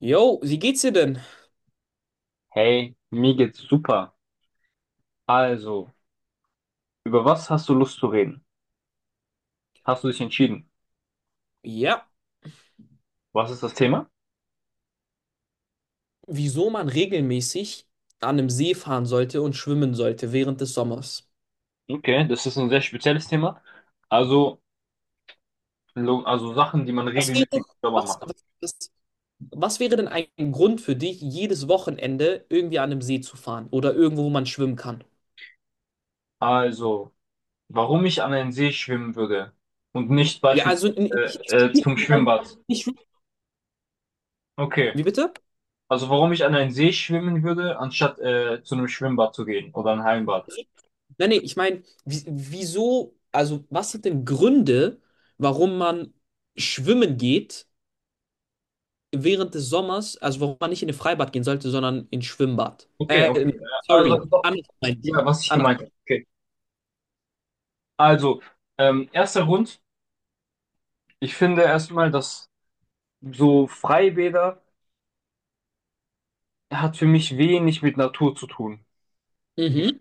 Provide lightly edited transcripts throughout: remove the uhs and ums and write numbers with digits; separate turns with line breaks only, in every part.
Jo, wie geht's dir denn?
Hey, mir geht's super. Also, über was hast du Lust zu reden? Hast du dich entschieden?
Ja,
Was ist das Thema?
wieso man regelmäßig an einem See fahren sollte und schwimmen sollte während des Sommers.
Okay, das ist ein sehr spezielles Thema. Also, also Sachen, die man
Was
regelmäßig
wäre,
selber
was,
macht.
was, was wäre denn ein Grund für dich, jedes Wochenende irgendwie an einem See zu fahren oder irgendwo, wo man schwimmen kann?
Also, warum ich an einen See schwimmen würde und nicht
Ja, also nicht,
beispielsweise
ich
zum
mein,
Schwimmbad.
nicht,
Okay,
wie bitte?
also warum ich an einen See schwimmen würde, anstatt zu einem Schwimmbad zu gehen oder ein Hallenbad.
Nein, nee, ich meine, wieso, also was sind denn Gründe, warum man schwimmen geht? Während des Sommers, also warum man nicht in ein Freibad gehen sollte, sondern ins Schwimmbad.
Okay, okay. Also,
Sorry,
doch,
anders meine ich.
ja, was ich
Anders.
gemeint habe. Okay. Also, erster Grund. Ich finde erstmal, dass so Freibäder hat für mich wenig mit Natur zu tun. Ich,
Mhm.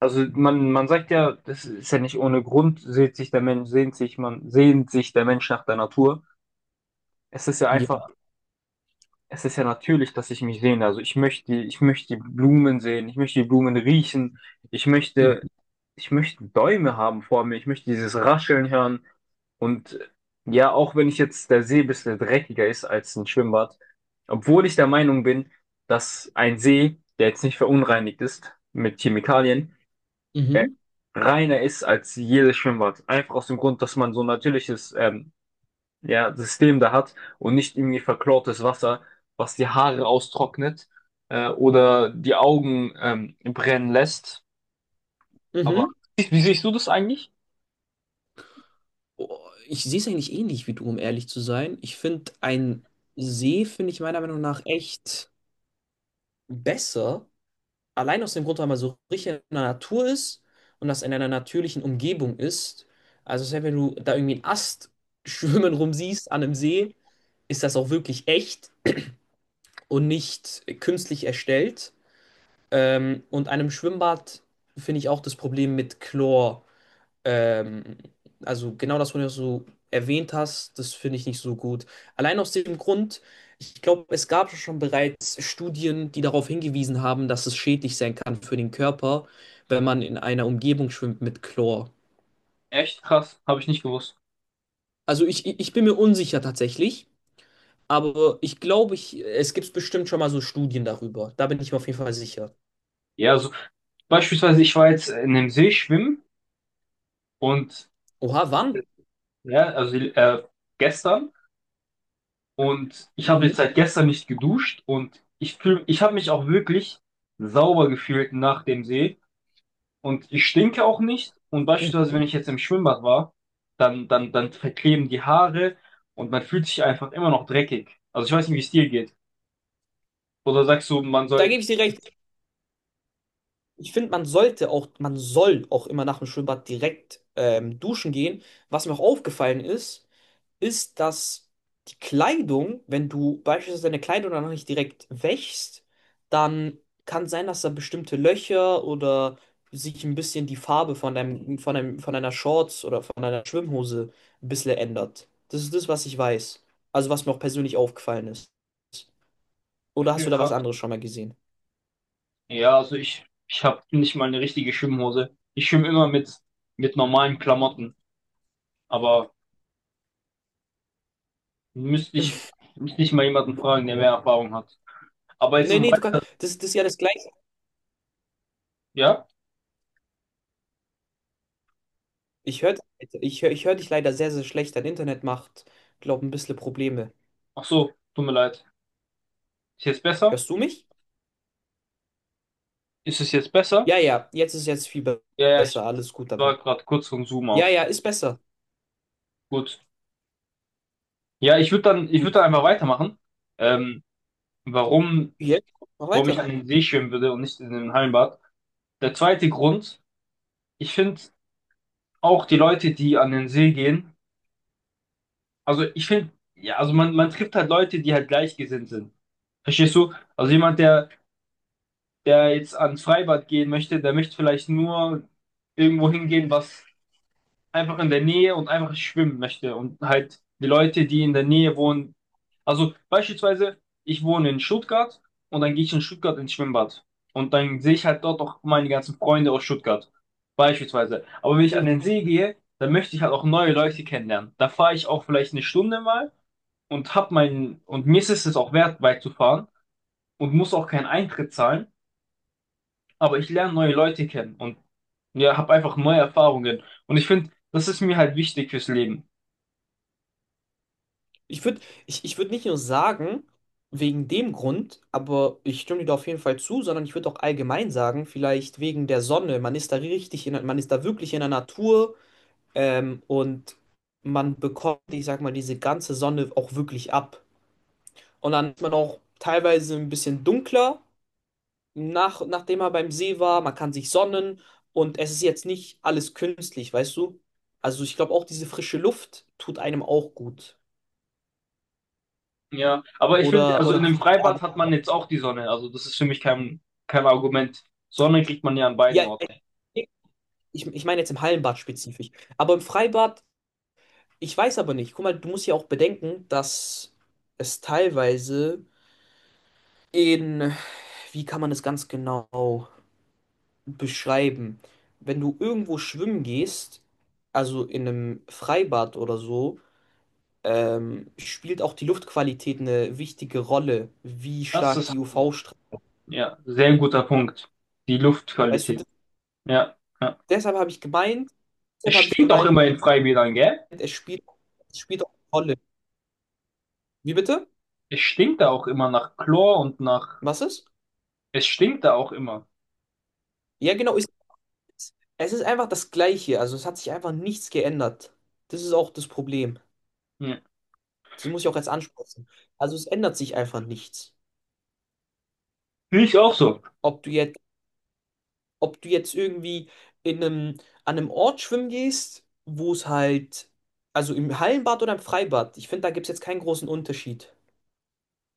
also man sagt ja, das ist ja nicht ohne Grund, sehnt sich der Mensch nach der Natur. Es ist ja einfach
Ja.
es ist ja natürlich, dass ich mich sehne. Also ich möchte die Blumen sehen, ich möchte die Blumen riechen, ich möchte,
Mhm.
ich möchte Bäume haben vor mir, ich möchte dieses Rascheln hören. Und ja, auch wenn ich jetzt der See ein bisschen dreckiger ist als ein Schwimmbad, obwohl ich der Meinung bin, dass ein See, der jetzt nicht verunreinigt ist mit Chemikalien, äh,
Mhm.
reiner ist als jedes Schwimmbad. Einfach aus dem Grund, dass man so natürliches ja, System da hat und nicht irgendwie verklortes Wasser, was die Haare austrocknet oder die Augen brennen lässt. Aber
Mhm.
wie siehst du das eigentlich?
Oh, ich sehe es eigentlich ähnlich wie du, um ehrlich zu sein. Ich finde, ein See finde ich meiner Meinung nach echt besser. Allein aus dem Grund, weil man so richtig in der Natur ist und das in einer natürlichen Umgebung ist. Also selbst wenn du da irgendwie einen Ast schwimmen rumsiehst an einem See, ist das auch wirklich echt und nicht künstlich erstellt. Und einem Schwimmbad finde ich auch das Problem mit Chlor. Ähm, also genau das, was du so erwähnt hast, das finde ich nicht so gut. Allein aus dem Grund, ich glaube, es gab schon bereits Studien, die darauf hingewiesen haben, dass es schädlich sein kann für den Körper, wenn man in einer Umgebung schwimmt mit Chlor.
Echt krass, habe ich nicht gewusst.
Also ich bin mir unsicher tatsächlich, aber ich glaube, ich, es gibt bestimmt schon mal so Studien darüber. Da bin ich mir auf jeden Fall sicher.
Ja, so beispielsweise ich war jetzt in dem See schwimmen und
Oha, wann?
äh, ja, also gestern und ich habe
Mhm.
jetzt seit gestern nicht geduscht und ich habe mich auch wirklich sauber gefühlt nach dem See. Und ich stinke auch nicht. Und beispielsweise, wenn ich jetzt im Schwimmbad war, dann verkleben die Haare und man fühlt sich einfach immer noch dreckig. Also ich weiß nicht, wie es dir geht. Oder sagst du, man
Da
soll.
gebe ich dir recht. Ich finde, man sollte auch, man soll auch immer nach dem Schwimmbad direkt duschen gehen. Was mir auch aufgefallen ist, ist, dass die Kleidung, wenn du beispielsweise deine Kleidung danach nicht direkt wäschst, dann kann sein, dass da bestimmte Löcher oder sich ein bisschen die Farbe von deinem, von deinem, von deiner Shorts oder von deiner Schwimmhose ein bisschen ändert. Das ist das, was ich weiß. Also was mir auch persönlich aufgefallen ist. Oder hast du da was anderes schon mal gesehen?
Ja, also ich habe nicht mal eine richtige Schwimmhose. Ich schwimme immer mit normalen Klamotten. Aber müsste ich, müsste ich mal jemanden fragen, der mehr Erfahrung hat. Aber jetzt
Nee,
um.
nee, du kannst. Das, das ist ja das Gleiche.
Ja?
Ich höre ich hör dich leider sehr, sehr schlecht. Dein Internet macht, glaube ein bisschen Probleme.
Ach so, tut mir leid. Ist jetzt besser?
Hörst du mich?
Ist es jetzt besser?
Ja, ja, jetzt ist jetzt viel
Ja, ja, ich
besser. Alles gut, aber.
war gerade kurz vom Zoom
Ja,
aus.
ja, ist besser.
Gut. Ja, ich würde dann
Gut.
einfach weitermachen. Ähm, warum,
Jetzt mach
warum ich
weiter.
an den See schwimmen würde und nicht in den Hallenbad. Der zweite Grund, ich finde auch die Leute, die an den See gehen, also ich finde, ja, also man trifft halt Leute, die halt gleichgesinnt sind. Verstehst du? Also der jetzt ans Freibad gehen möchte, der möchte vielleicht nur irgendwo hingehen, was einfach in der Nähe und einfach schwimmen möchte und halt die Leute, die in der Nähe wohnen. Also beispielsweise, ich wohne in Stuttgart und dann gehe ich in Stuttgart ins Schwimmbad und dann sehe ich halt dort auch meine ganzen Freunde aus Stuttgart. Beispielsweise. Aber wenn ich
Hm.
an den See gehe, dann möchte ich halt auch neue Leute kennenlernen. Da fahre ich auch vielleicht eine Stunde mal und hab meinen, und mir ist es auch wert, weit zu fahren und muss auch keinen Eintritt zahlen, aber ich lerne neue Leute kennen und ja, habe einfach neue Erfahrungen. Und ich finde, das ist mir halt wichtig fürs Leben.
Ich würde ich würd nicht nur sagen, wegen dem Grund, aber ich stimme dir da auf jeden Fall zu, sondern ich würde auch allgemein sagen, vielleicht wegen der Sonne. Man ist da richtig in, man ist da wirklich in der Natur, und man bekommt, ich sag mal, diese ganze Sonne auch wirklich ab. Und dann ist man auch teilweise ein bisschen dunkler, nachdem man beim See war. Man kann sich sonnen und es ist jetzt nicht alles künstlich, weißt du? Also ich glaube auch diese frische Luft tut einem auch gut.
Ja, aber ich finde,
Oder,
also
oder
in dem
bist
Freibad
du-
hat man jetzt auch die Sonne. Also das ist für mich kein, kein Argument. Sonne kriegt man ja an beiden
ja,
Orten.
ich, ich meine jetzt im Hallenbad spezifisch. Aber im Freibad, ich weiß aber nicht. Guck mal, du musst ja auch bedenken, dass es teilweise in, wie kann man das ganz genau beschreiben. Wenn du irgendwo schwimmen gehst, also in einem Freibad oder so, spielt auch die Luftqualität eine wichtige Rolle, wie
Das
stark
ist,
die UV-Strahlung.
ja, sehr ein guter Punkt. Die
Weißt du,
Luftqualität. Ja, ja.
deshalb habe ich
Es stinkt auch
gemeint,
immer in Freibädern, gell?
es spielt, es spielt auch eine Rolle. Wie bitte?
Es stinkt da auch immer nach Chlor und nach,
Was ist?
es stinkt da auch immer.
Ja, genau, ist, es ist einfach das Gleiche. Also es hat sich einfach nichts geändert. Das ist auch das Problem.
Ja.
Das muss ich auch jetzt ansprechen. Also es ändert sich einfach nichts.
Finde ich auch so.
Ob du jetzt ob du jetzt irgendwie in einem, an einem Ort schwimmen gehst, wo es halt, also im Hallenbad oder im Freibad, ich finde, da gibt es jetzt keinen großen Unterschied.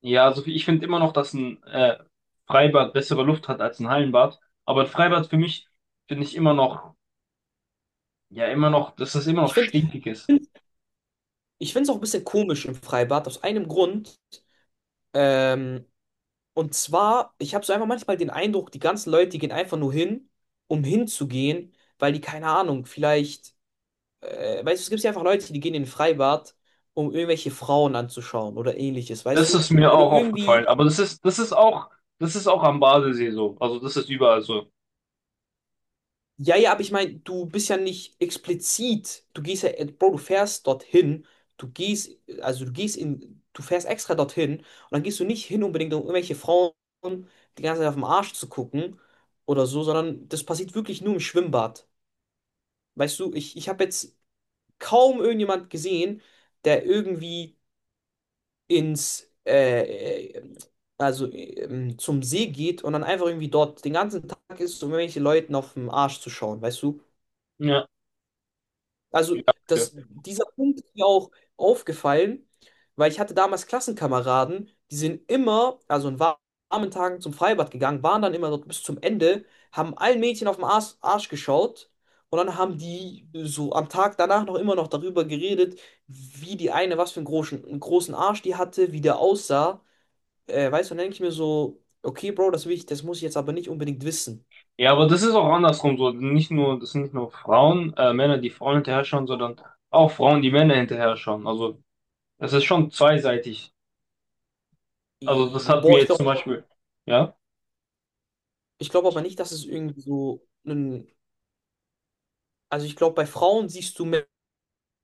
Ja, also ich finde immer noch, dass ein Freibad bessere Luft hat als ein Hallenbad. Aber ein Freibad für mich finde ich immer noch, ja, immer noch, dass das immer noch
Ich finde,
stinkig ist.
ich finde es auch ein bisschen komisch im Freibad, aus einem Grund. Ähm, und zwar, ich habe so einfach manchmal den Eindruck, die ganzen Leute, die gehen einfach nur hin, um hinzugehen, weil die, keine Ahnung, vielleicht, weißt du, es gibt ja einfach Leute, die gehen in ein Freibad, um irgendwelche Frauen anzuschauen oder ähnliches, weißt
Das
du?
ist mir
Wenn du
auch aufgefallen.
irgendwie
Das ist auch am Badesee so. Also das ist überall so.
ja, ja, aber ich meine, du bist ja nicht explizit. Du gehst ja, Bro, du fährst dorthin. Du gehst, also du gehst du fährst extra dorthin und dann gehst du nicht hin unbedingt, um irgendwelche Frauen die ganze Zeit auf den Arsch zu gucken oder so, sondern das passiert wirklich nur im Schwimmbad. Weißt du, ich habe jetzt kaum irgendjemand gesehen, der irgendwie ins, also zum See geht und dann einfach irgendwie dort den ganzen Tag ist, um irgendwelche Leuten auf den Arsch zu schauen, weißt du?
Ja. Ja,
Also das,
okay.
dieser Punkt ist mir auch aufgefallen, weil ich hatte damals Klassenkameraden, die sind immer, also in warmen Tagen zum Freibad gegangen, waren dann immer dort bis zum Ende, haben allen Mädchen auf den Arsch geschaut und dann haben die so am Tag danach noch immer noch darüber geredet, wie die eine, was für einen großen Arsch die hatte, wie der aussah. Weißt du, dann denke ich mir so, okay, Bro, das will ich, das muss ich jetzt aber nicht unbedingt wissen.
Ja, aber das ist auch andersrum so. Nicht nur, das sind nicht nur Frauen, Männer, die Frauen hinterher schauen, sondern auch Frauen, die Männer hinterher schauen. Also es ist schon zweiseitig. Also das hat
Boah,
mir jetzt zum Beispiel, ja,
ich glaube aber nicht, dass es irgendwie so einen. Also ich glaube, bei Frauen siehst du mehr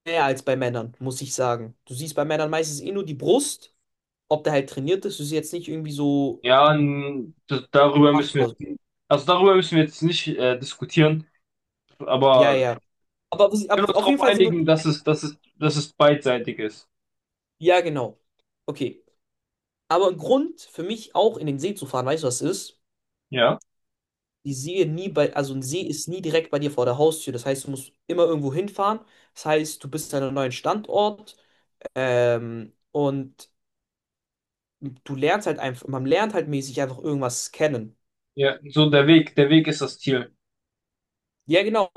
mehr als bei Männern, muss ich sagen. Du siehst bei Männern meistens eh nur die Brust, ob der halt trainiert ist. Du siehst jetzt nicht irgendwie so
ja, darüber
Arsch
müssen wir
oder so.
jetzt, also darüber müssen wir jetzt nicht diskutieren,
Ja,
aber wir
ja. Aber, was-
können
aber
uns
auf jeden
darauf
Fall sind wir.
einigen, dass es beidseitig ist.
Ja, genau. Okay. Aber ein Grund für mich auch in den See zu fahren, weißt du, was ist?
Ja,
Die See nie bei, also ein See ist nie direkt bei dir vor der Haustür. Das heißt, du musst immer irgendwo hinfahren. Das heißt, du bist an einem neuen Standort. Und du lernst halt einfach, man lernt halt mäßig einfach irgendwas kennen.
ja, so der Weg ist das Ziel.
Ja, genau.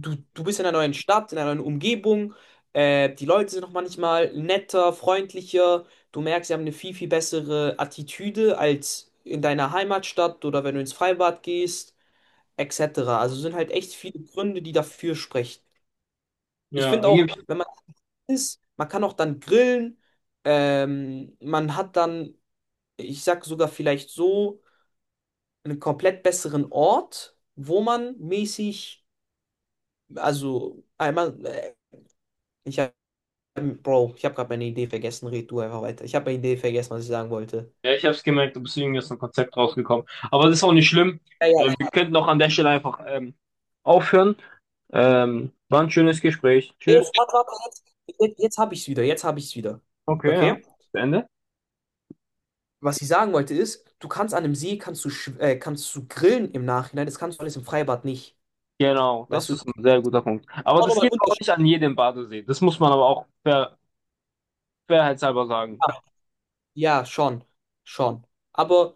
Du bist in einer neuen Stadt, in einer neuen Umgebung. Die Leute sind noch manchmal netter, freundlicher. Du merkst, sie haben eine viel, viel bessere Attitüde als in deiner Heimatstadt oder wenn du ins Freibad gehst, etc. Also sind halt echt viele Gründe, die dafür sprechen. Ich
Ja,
finde auch,
irgendwie,
wenn man isst, man kann auch dann grillen. Man hat dann, ich sag sogar vielleicht so, einen komplett besseren Ort, wo man mäßig, also einmal. Ich ähm, Bro, ich habe gerade meine Idee vergessen. Red du einfach weiter. Ich habe meine Idee vergessen, was ich sagen wollte.
ja, ich habe es gemerkt, du bist irgendwie aus dem Konzept rausgekommen. Aber das ist auch nicht schlimm.
Ja, ja,
Wir könnten auch an der Stelle einfach aufhören. War ein schönes Gespräch. Tschüss.
jetzt, warte, warte, jetzt habe ich es wieder. Jetzt habe ich es wieder.
Okay, ja.
Okay?
Ende
Was ich sagen wollte ist, du kannst an einem See, kannst du, kannst du grillen im Nachhinein. Das kannst du alles im Freibad nicht.
Genau,
Weißt
das
du?
ist ein sehr guter Punkt. Aber
Auch
das
nochmal
geht auch
Unterschied.
nicht an jedem Badesee. Das muss man aber auch fairheitshalber sagen.
Ja, ja, schon. Schon. Aber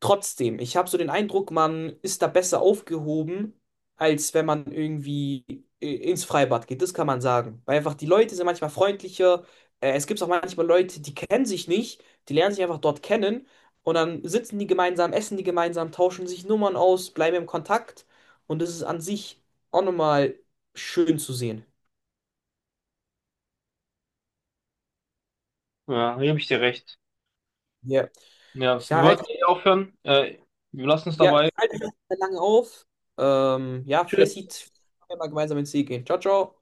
trotzdem, ich habe so den Eindruck, man ist da besser aufgehoben, als wenn man irgendwie ins Freibad geht. Das kann man sagen. Weil einfach die Leute sind manchmal freundlicher. Es gibt auch manchmal Leute, die kennen sich nicht, die lernen sich einfach dort kennen und dann sitzen die gemeinsam, essen die gemeinsam, tauschen sich Nummern aus, bleiben im Kontakt. Und das ist an sich auch nochmal schön zu sehen.
Ja, hier habe ich dir recht.
Ja.
Ja,
Ich
wir
halte
wollten eh aufhören. Wir lassen es
ja, ich
dabei.
halte mich nicht mehr lange auf. Ja, vielleicht
Tschüss.
sieht, wir mal gemeinsam ins See gehen. Ciao, ciao.